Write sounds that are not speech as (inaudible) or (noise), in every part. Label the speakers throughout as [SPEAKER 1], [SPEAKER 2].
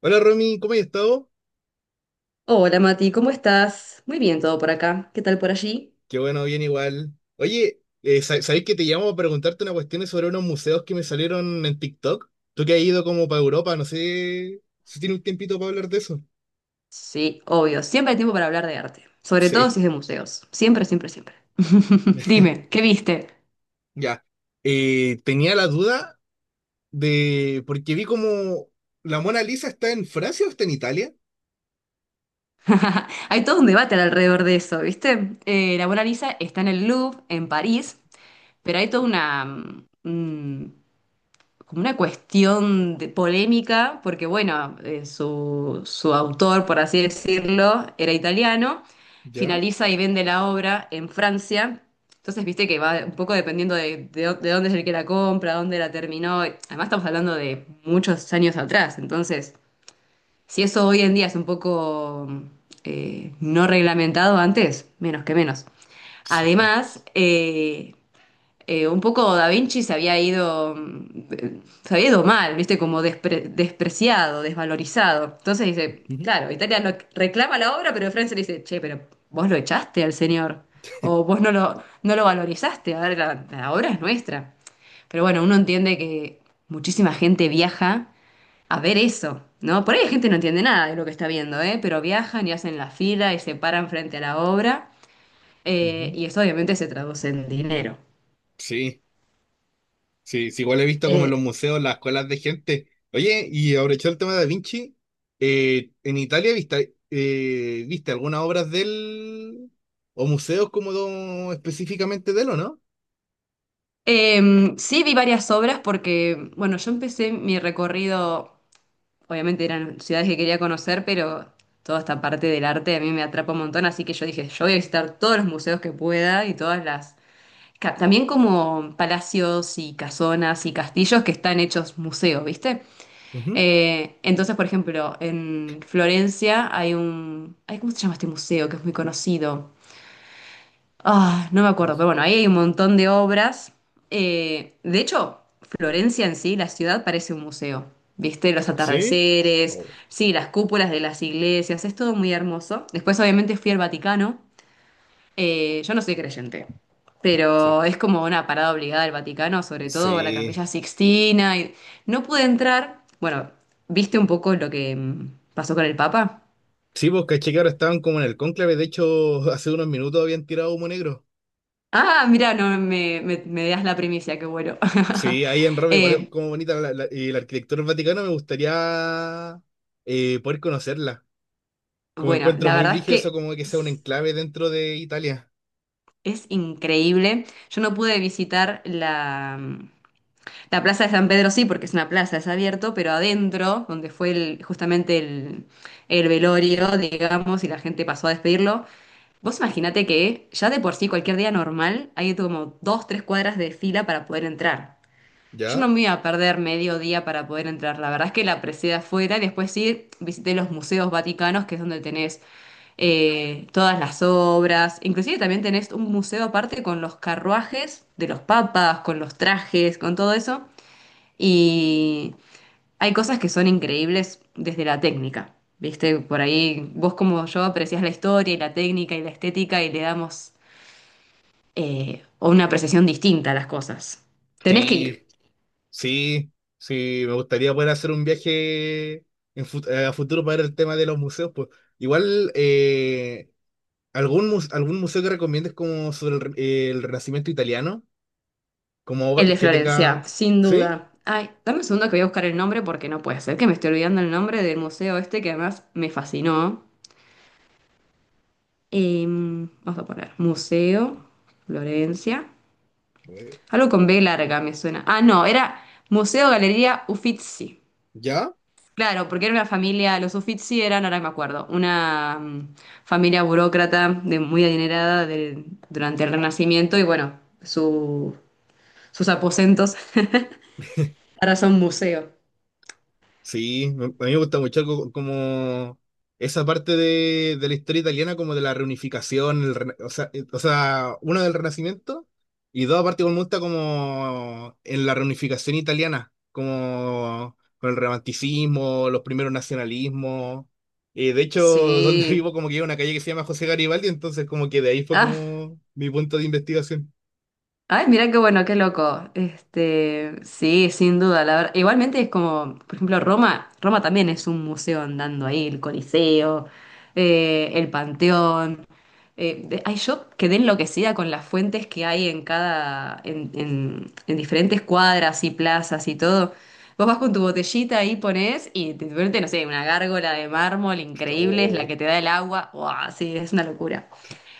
[SPEAKER 1] Hola Romy, ¿cómo has estado?
[SPEAKER 2] Hola Mati, ¿cómo estás? Muy bien todo por acá. ¿Qué tal por allí?
[SPEAKER 1] Qué bueno, bien igual. Oye, ¿sabéis que te llamo para preguntarte una cuestión sobre unos museos que me salieron en TikTok? Tú que has ido como para Europa, no sé si tiene un tiempito para hablar de eso.
[SPEAKER 2] Sí, obvio. Siempre hay tiempo para hablar de arte. Sobre todo
[SPEAKER 1] Sí,
[SPEAKER 2] si es de museos. Siempre, siempre, siempre. (laughs) Dime,
[SPEAKER 1] (laughs)
[SPEAKER 2] ¿qué viste?
[SPEAKER 1] ya. Tenía la duda porque vi como la Mona Lisa está en Francia o está en Italia.
[SPEAKER 2] (laughs) Hay todo un debate alrededor de eso, ¿viste? La Mona Lisa está en el Louvre, en París, pero hay toda una, mm, como una cuestión de polémica, porque bueno, su autor, por así decirlo, era italiano,
[SPEAKER 1] ¿Ya?
[SPEAKER 2] finaliza y vende la obra en Francia. Entonces, viste que va un poco dependiendo de, de dónde es el que la compra, dónde la terminó. Además, estamos hablando de muchos años atrás. Entonces, si eso hoy en día es un poco no reglamentado antes, menos que menos.
[SPEAKER 1] Sí.
[SPEAKER 2] Además, un poco Da Vinci se había ido, se había ido mal, ¿viste? Como despreciado, desvalorizado. Entonces dice,
[SPEAKER 1] Ujú,
[SPEAKER 2] claro, Italia lo reclama la obra, pero Francia le dice, che, pero vos lo echaste al señor, o vos no lo, no lo valorizaste, a ver, la obra es nuestra. Pero bueno, uno entiende que muchísima gente viaja a ver eso, ¿no? Por ahí hay gente que no entiende nada de lo que está viendo, ¿eh? Pero viajan y hacen la fila y se paran frente a la obra,
[SPEAKER 1] ujú.
[SPEAKER 2] y eso obviamente se traduce en dinero.
[SPEAKER 1] Sí. Sí, sí, igual he visto como en
[SPEAKER 2] Eh,
[SPEAKER 1] los museos, las escuelas de gente. Oye, y aprovechando el tema de Da Vinci, ¿en Italia viste, viste algunas obras de él o museos específicamente de él o no?
[SPEAKER 2] Sí, vi varias obras porque, bueno, yo empecé mi recorrido, obviamente eran ciudades que quería conocer, pero toda esta parte del arte a mí me atrapa un montón, así que yo dije, yo voy a visitar todos los museos que pueda y todas las... También como palacios y casonas y castillos que están hechos museo, ¿viste?
[SPEAKER 1] Ujú.
[SPEAKER 2] Entonces, por ejemplo, en Florencia hay un... Ay, ¿cómo se llama este museo que es muy conocido? Ah, no me
[SPEAKER 1] Ay.
[SPEAKER 2] acuerdo, pero bueno, ahí hay un montón de obras. De hecho, Florencia en sí, la ciudad parece un museo. ¿Viste? Los
[SPEAKER 1] ¿Sí?
[SPEAKER 2] atardeceres,
[SPEAKER 1] Oh,
[SPEAKER 2] sí, las cúpulas de las iglesias, es todo muy hermoso. Después, obviamente, fui al Vaticano. Yo no soy creyente,
[SPEAKER 1] sí.
[SPEAKER 2] pero es como una parada obligada al Vaticano, sobre todo a la
[SPEAKER 1] Sí.
[SPEAKER 2] Capilla Sixtina. No pude entrar. Bueno, ¿viste un poco lo que pasó con el Papa?
[SPEAKER 1] Sí, pues caché que ahora estaban como en el cónclave, de hecho, (laughs) hace unos minutos habían tirado humo negro.
[SPEAKER 2] Ah, mira, no me, me, me das la primicia, qué bueno.
[SPEAKER 1] Sí,
[SPEAKER 2] (laughs)
[SPEAKER 1] ahí en Roma igual es
[SPEAKER 2] Eh,
[SPEAKER 1] como bonita y la arquitectura del Vaticano, me gustaría poder conocerla. Como
[SPEAKER 2] Bueno,
[SPEAKER 1] encuentro
[SPEAKER 2] la
[SPEAKER 1] muy
[SPEAKER 2] verdad es
[SPEAKER 1] brígido eso,
[SPEAKER 2] que
[SPEAKER 1] como que sea un
[SPEAKER 2] es,
[SPEAKER 1] enclave dentro de Italia.
[SPEAKER 2] es increíble. Yo no pude visitar la, la plaza de San Pedro, sí, porque es una plaza, es abierto, pero adentro, donde fue justamente el velorio, digamos, y la gente pasó a despedirlo. Vos imaginate que ya de por sí, cualquier día normal, hay como dos, tres cuadras de fila para poder entrar. Yo no
[SPEAKER 1] ¿Ya?
[SPEAKER 2] me iba a perder medio día para poder entrar. La verdad es que la aprecié de afuera y después sí visité los museos vaticanos, que es donde tenés todas las obras. Inclusive también tenés un museo aparte con los carruajes de los papas, con los trajes, con todo eso. Y hay cosas que son increíbles desde la técnica. Viste, por ahí vos como yo apreciás la historia y la técnica y la estética y le damos una apreciación distinta a las cosas. Tenés que ir.
[SPEAKER 1] Sí, sí, sí. Me gustaría poder hacer un viaje a futuro para ver el tema de los museos. Pues. Igual, algún museo que recomiendes como sobre el Renacimiento italiano, como
[SPEAKER 2] El
[SPEAKER 1] obra
[SPEAKER 2] de
[SPEAKER 1] que
[SPEAKER 2] Florencia,
[SPEAKER 1] tenga...
[SPEAKER 2] sin
[SPEAKER 1] ¿Sí?
[SPEAKER 2] duda. Ay, dame un segundo que voy a buscar el nombre porque no puede ser que me esté olvidando el nombre del museo este que además me fascinó. Vamos a poner Museo, Florencia.
[SPEAKER 1] Eh.
[SPEAKER 2] Algo con B larga me suena. Ah, no, era Museo Galería Uffizi.
[SPEAKER 1] ¿Ya?
[SPEAKER 2] Claro, porque era una familia, los Uffizi eran, ahora me acuerdo, una familia burócrata de, muy adinerada durante el Renacimiento y bueno, sus aposentos (laughs) ahora son museo.
[SPEAKER 1] Sí, me- a mí me gusta mucho algo como esa parte de la historia italiana, como de la reunificación, o sea, uno del Renacimiento y dos, aparte, como me gusta como en la reunificación italiana, como con el romanticismo, los primeros nacionalismos. De hecho, donde (laughs) vivo,
[SPEAKER 2] Sí.
[SPEAKER 1] como que hay una calle que se llama José Garibaldi, entonces, como que de ahí fue
[SPEAKER 2] Ah,
[SPEAKER 1] como mi punto de investigación.
[SPEAKER 2] ay, mira qué bueno, qué loco. Este, sí, sin duda, la verdad. Igualmente es como, por ejemplo, Roma, Roma también es un museo andando ahí, el Coliseo, el Panteón. Ay, yo quedé enloquecida con las fuentes que hay en cada, en diferentes cuadras y plazas y todo. Vos vas con tu botellita ahí, ponés y te vuelve, no sé, una gárgola de mármol increíble, es la
[SPEAKER 1] Oh.
[SPEAKER 2] que te da el agua. ¡Wow! Sí, es una locura.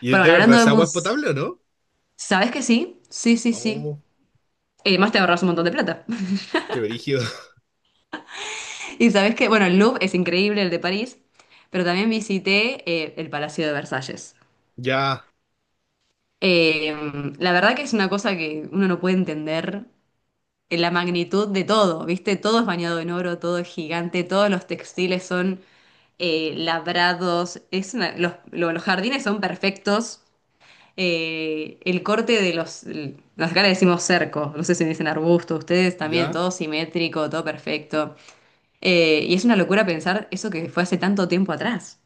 [SPEAKER 1] ¿Y es
[SPEAKER 2] Pero
[SPEAKER 1] de
[SPEAKER 2] bueno,
[SPEAKER 1] verdad
[SPEAKER 2] hablando de
[SPEAKER 1] esa agua es
[SPEAKER 2] mus...
[SPEAKER 1] potable o no?
[SPEAKER 2] ¿Sabés que sí? Sí, sí, sí.
[SPEAKER 1] Oh,
[SPEAKER 2] Y además te ahorras un montón de plata. (laughs)
[SPEAKER 1] qué brígido. (laughs)
[SPEAKER 2] Y sabes que, bueno, el Louvre es increíble, el de París, pero también visité el Palacio de Versalles.
[SPEAKER 1] Ya,
[SPEAKER 2] Eh, la verdad que es una cosa que uno no puede entender la magnitud de todo, ¿viste? Todo es bañado en oro, todo es gigante, todos los textiles son labrados, es los, los jardines son perfectos. El corte de los, acá le decimos cerco, no sé si dicen arbusto, ustedes también,
[SPEAKER 1] ya.
[SPEAKER 2] todo simétrico, todo perfecto. Y es una locura pensar eso que fue hace tanto tiempo atrás.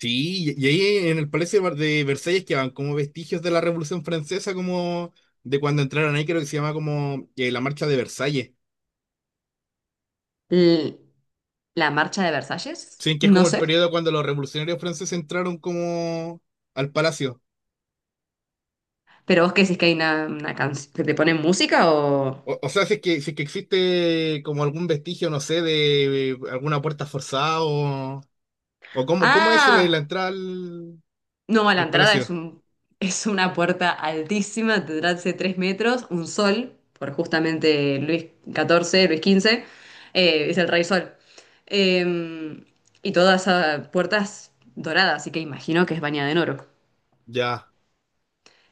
[SPEAKER 1] Sí, y ahí en el Palacio de Versalles quedaban como vestigios de la Revolución Francesa, como de cuando entraron ahí, creo que se llama como, la Marcha de Versalles.
[SPEAKER 2] L- la marcha de Versalles,
[SPEAKER 1] Sí, que es
[SPEAKER 2] no
[SPEAKER 1] como el
[SPEAKER 2] sé.
[SPEAKER 1] periodo cuando los revolucionarios franceses entraron como al palacio.
[SPEAKER 2] Pero vos qué decís que hay una canción que te ponen música o...
[SPEAKER 1] O sea, si es que, si es que existe como algún vestigio, no sé, de alguna puerta forzada, o cómo, cómo es la
[SPEAKER 2] Ah,
[SPEAKER 1] entrada al,
[SPEAKER 2] no, a la
[SPEAKER 1] al
[SPEAKER 2] entrada es
[SPEAKER 1] palacio.
[SPEAKER 2] es una puerta altísima, tendrá hace tres metros, un sol, por justamente Luis XIV, Luis XV, es el rey sol. Eh, y todas esas puertas doradas, así que imagino que es bañada en oro.
[SPEAKER 1] Ya,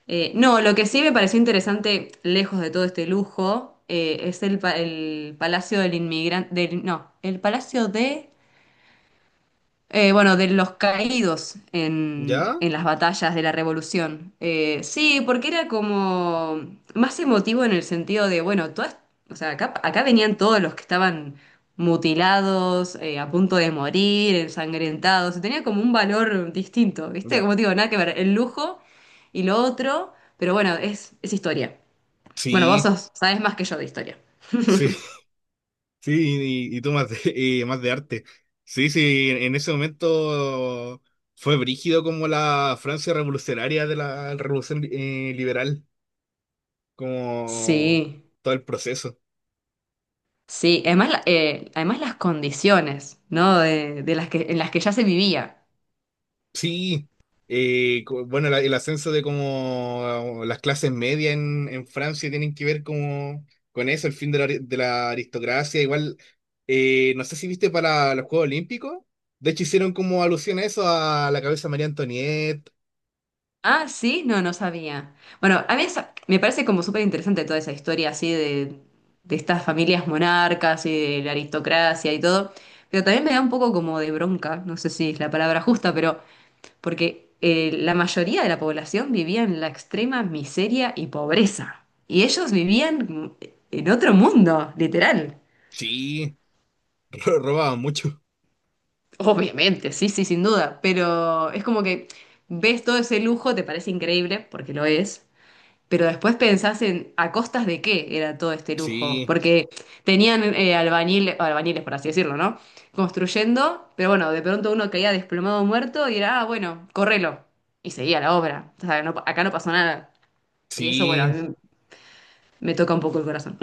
[SPEAKER 2] No, lo que sí me pareció interesante, lejos de todo este lujo, es el Palacio del Inmigrante, del, no, el Palacio de bueno, de los caídos
[SPEAKER 1] ya,
[SPEAKER 2] en las batallas de la Revolución. Sí, porque era como más emotivo en el sentido de, bueno, todas, o sea, acá, acá venían todos los que estaban mutilados, a punto de morir, ensangrentados, tenía como un valor distinto, ¿viste?
[SPEAKER 1] ya.
[SPEAKER 2] Como te digo, nada que ver, el lujo y lo otro, pero bueno, es historia. Bueno, vos
[SPEAKER 1] Sí,
[SPEAKER 2] sabés más que yo de historia.
[SPEAKER 1] sí. Sí, y tú más de, (laughs) y más de arte. Sí, sí, en ese momento fue brígido como la Francia revolucionaria, de la revolución liberal, como
[SPEAKER 2] Sí.
[SPEAKER 1] todo el proceso.
[SPEAKER 2] Sí, además, además las condiciones, ¿no? De las que, en las que ya se vivía.
[SPEAKER 1] Sí, bueno, el ascenso de como las clases medias en Francia tienen que ver como con eso, el fin de la, de la aristocracia. Igual, no sé si viste para los Juegos Olímpicos, de hecho hicieron como alusión a eso, a la cabeza de María Antonieta.
[SPEAKER 2] Ah, sí, no, no sabía. Bueno, a mí me parece como súper interesante toda esa historia así de estas familias monarcas y de la aristocracia y todo, pero también me da un poco como de bronca, no sé si es la palabra justa, pero porque la mayoría de la población vivía en la extrema miseria y pobreza, y ellos vivían en otro mundo, literal.
[SPEAKER 1] Sí. Pero robaban mucho.
[SPEAKER 2] Obviamente, sí, sí, sin duda, pero es como que ves todo ese lujo, te parece increíble, porque lo es, pero después pensás en a costas de qué era todo este lujo,
[SPEAKER 1] Sí,
[SPEAKER 2] porque tenían albañiles, por así decirlo, ¿no? Construyendo, pero bueno, de pronto uno caía desplomado muerto y era, ah, bueno, correlo, y seguía la obra, o sea, acá no pasó nada, y eso, bueno, a
[SPEAKER 1] sí.
[SPEAKER 2] mí me toca un poco el corazón.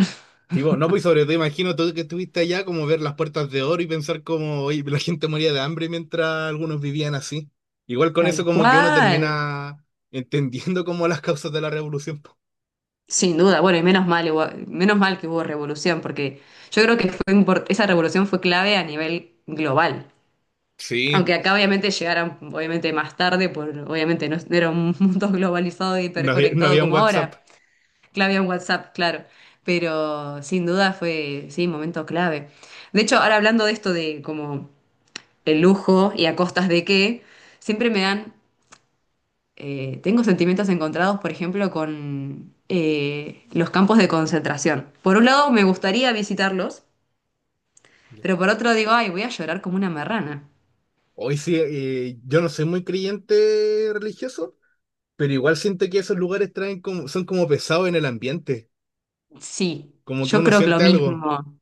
[SPEAKER 1] Sí, vos, no, pues sobre todo imagino tú que estuviste allá como ver las puertas de oro y pensar como oye, la gente moría de hambre mientras algunos vivían así. Igual
[SPEAKER 2] (laughs)
[SPEAKER 1] con eso
[SPEAKER 2] Tal
[SPEAKER 1] como que uno
[SPEAKER 2] cual.
[SPEAKER 1] termina entendiendo como las causas de la revolución. Po.
[SPEAKER 2] Sin duda, bueno, y menos mal, menos mal que hubo revolución, porque yo creo que fue esa revolución fue clave a nivel global.
[SPEAKER 1] Sí,
[SPEAKER 2] Aunque acá obviamente llegaran obviamente más tarde, por, obviamente no era un mundo (laughs) globalizado y
[SPEAKER 1] no había, no
[SPEAKER 2] hiperconectado
[SPEAKER 1] había un
[SPEAKER 2] como
[SPEAKER 1] WhatsApp.
[SPEAKER 2] ahora, clave en WhatsApp, claro, pero sin duda fue, sí, momento clave. De hecho, ahora hablando de esto de como el lujo y a costas de qué, siempre me dan tengo sentimientos encontrados, por ejemplo, con los campos de concentración. Por un lado, me gustaría visitarlos, pero por otro digo, ay, voy a llorar como una marrana.
[SPEAKER 1] Hoy sí, yo no soy muy creyente religioso, pero igual siento que esos lugares traen como, son como pesados en el ambiente,
[SPEAKER 2] Sí,
[SPEAKER 1] como que
[SPEAKER 2] yo
[SPEAKER 1] uno
[SPEAKER 2] creo que lo
[SPEAKER 1] siente algo.
[SPEAKER 2] mismo.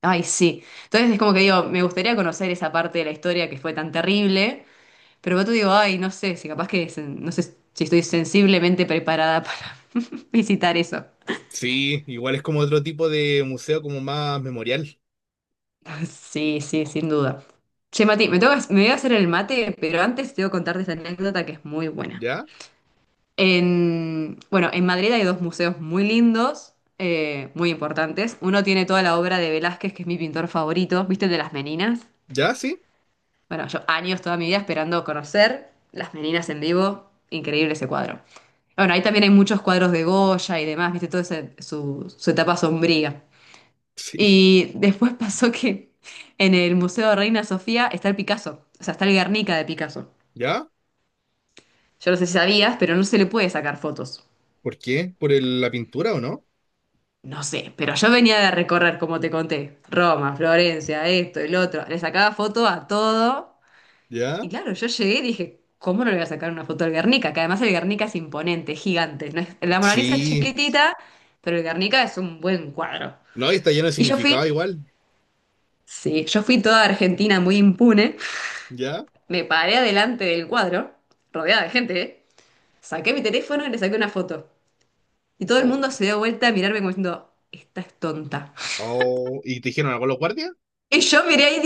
[SPEAKER 2] Ay, sí. Entonces es como que digo, me gustaría conocer esa parte de la historia que fue tan terrible, pero por otro digo, ay, no sé, si capaz que, no sé si estoy sensiblemente preparada para (laughs) visitar eso.
[SPEAKER 1] Sí, igual es como otro tipo de museo, como más memorial.
[SPEAKER 2] Sí, sí, sin duda. Che, Mati, tengo me voy a hacer el mate, pero antes tengo que contarte esta anécdota que es muy buena.
[SPEAKER 1] ¿Ya?
[SPEAKER 2] En, bueno, en Madrid hay dos museos muy lindos, muy importantes. Uno tiene toda la obra de Velázquez, que es mi pintor favorito, ¿viste el de las Meninas?
[SPEAKER 1] ¿Ya? ¿Sí? (laughs)
[SPEAKER 2] Bueno, yo años toda mi vida esperando conocer las Meninas en vivo, increíble ese cuadro. Bueno, ahí también hay muchos cuadros de Goya y demás, ¿viste? Toda su etapa sombría.
[SPEAKER 1] Sí.
[SPEAKER 2] Y después (laughs) pasó que en el Museo de Reina Sofía está el Picasso, o sea, está el Guernica de Picasso.
[SPEAKER 1] ¿Ya?
[SPEAKER 2] Yo no sé si sabías, pero no se le puede sacar fotos.
[SPEAKER 1] ¿Por qué? ¿Por la pintura o no?
[SPEAKER 2] No sé, pero yo venía de recorrer, como te conté, Roma, Florencia, esto, el otro. Le sacaba foto a todo. Y
[SPEAKER 1] ¿Ya?
[SPEAKER 2] claro, yo llegué y dije, ¿cómo no le voy a sacar una foto al Guernica? Que además el Guernica es imponente, es gigante. No es- La Mona Lisa es
[SPEAKER 1] Sí.
[SPEAKER 2] chiquitita, pero el Guernica es un buen cuadro.
[SPEAKER 1] No, y está lleno de
[SPEAKER 2] Y yo fui,
[SPEAKER 1] significado igual.
[SPEAKER 2] sí, yo fui toda Argentina muy impune.
[SPEAKER 1] ¿Ya?
[SPEAKER 2] Me paré adelante del cuadro, rodeada de gente, ¿eh? Saqué mi teléfono y le saqué una foto. Y todo el
[SPEAKER 1] Oh.
[SPEAKER 2] mundo se dio vuelta a mirarme como diciendo, esta es tonta.
[SPEAKER 1] Oh. ¿Y te dijeron algo los guardias?
[SPEAKER 2] Y yo miré ahí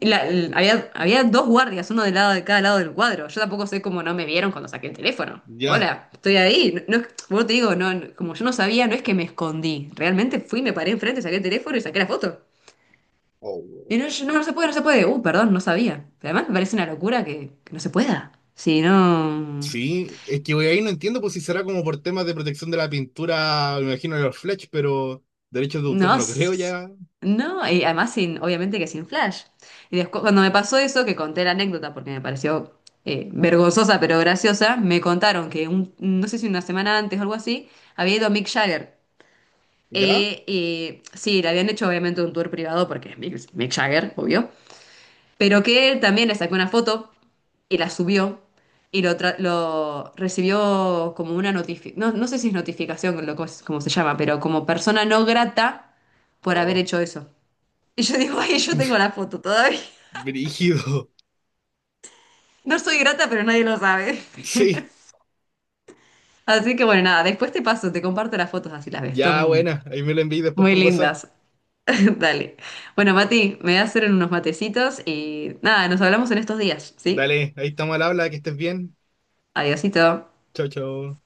[SPEAKER 2] y, había, había dos guardias, uno de lado de cada lado del cuadro. Yo tampoco sé cómo no me vieron cuando saqué el teléfono.
[SPEAKER 1] ¿Ya?
[SPEAKER 2] Hola, estoy ahí. No, bueno, te digo, como yo no sabía, no es que me escondí. Realmente fui, me paré enfrente, saqué el teléfono y saqué la foto.
[SPEAKER 1] Oh.
[SPEAKER 2] Y no, no, no se puede, no se puede. Perdón, no sabía. Pero además me parece una locura que no se pueda. Si no.
[SPEAKER 1] Sí, es que güey, ahí no entiendo pues si será como por temas de protección de la pintura, me imagino de los Fletch, pero derechos de autor
[SPEAKER 2] No,
[SPEAKER 1] no creo
[SPEAKER 2] s-
[SPEAKER 1] ya.
[SPEAKER 2] no, y además sin, obviamente que sin flash. Y después, cuando me pasó eso, que conté la anécdota porque me pareció vergonzosa pero graciosa, me contaron que no sé si una semana antes o algo así, había ido a Mick Jagger.
[SPEAKER 1] ¿Ya?
[SPEAKER 2] Sí, le habían hecho obviamente un tour privado porque es Mick Jagger, obvio. Pero que él también le sacó una foto y la subió y lo recibió como una notificación, no, no sé si es notificación, como se llama, pero como persona no grata por haber
[SPEAKER 1] Oh.
[SPEAKER 2] hecho eso. Y yo digo, ay, yo tengo
[SPEAKER 1] (laughs)
[SPEAKER 2] la foto todavía.
[SPEAKER 1] Brígido.
[SPEAKER 2] No soy grata, pero nadie lo sabe.
[SPEAKER 1] Sí.
[SPEAKER 2] Así que bueno, nada, después te paso, te comparto las fotos así las ves.
[SPEAKER 1] Ya,
[SPEAKER 2] Son
[SPEAKER 1] buena. Ahí me lo envié después
[SPEAKER 2] muy
[SPEAKER 1] por WhatsApp.
[SPEAKER 2] lindas. (laughs) Dale. Bueno, Mati, me voy a hacer unos matecitos y nada, nos hablamos en estos días, ¿sí?
[SPEAKER 1] Dale, ahí estamos al habla, que estés bien.
[SPEAKER 2] Adiosito.
[SPEAKER 1] Chao, chao.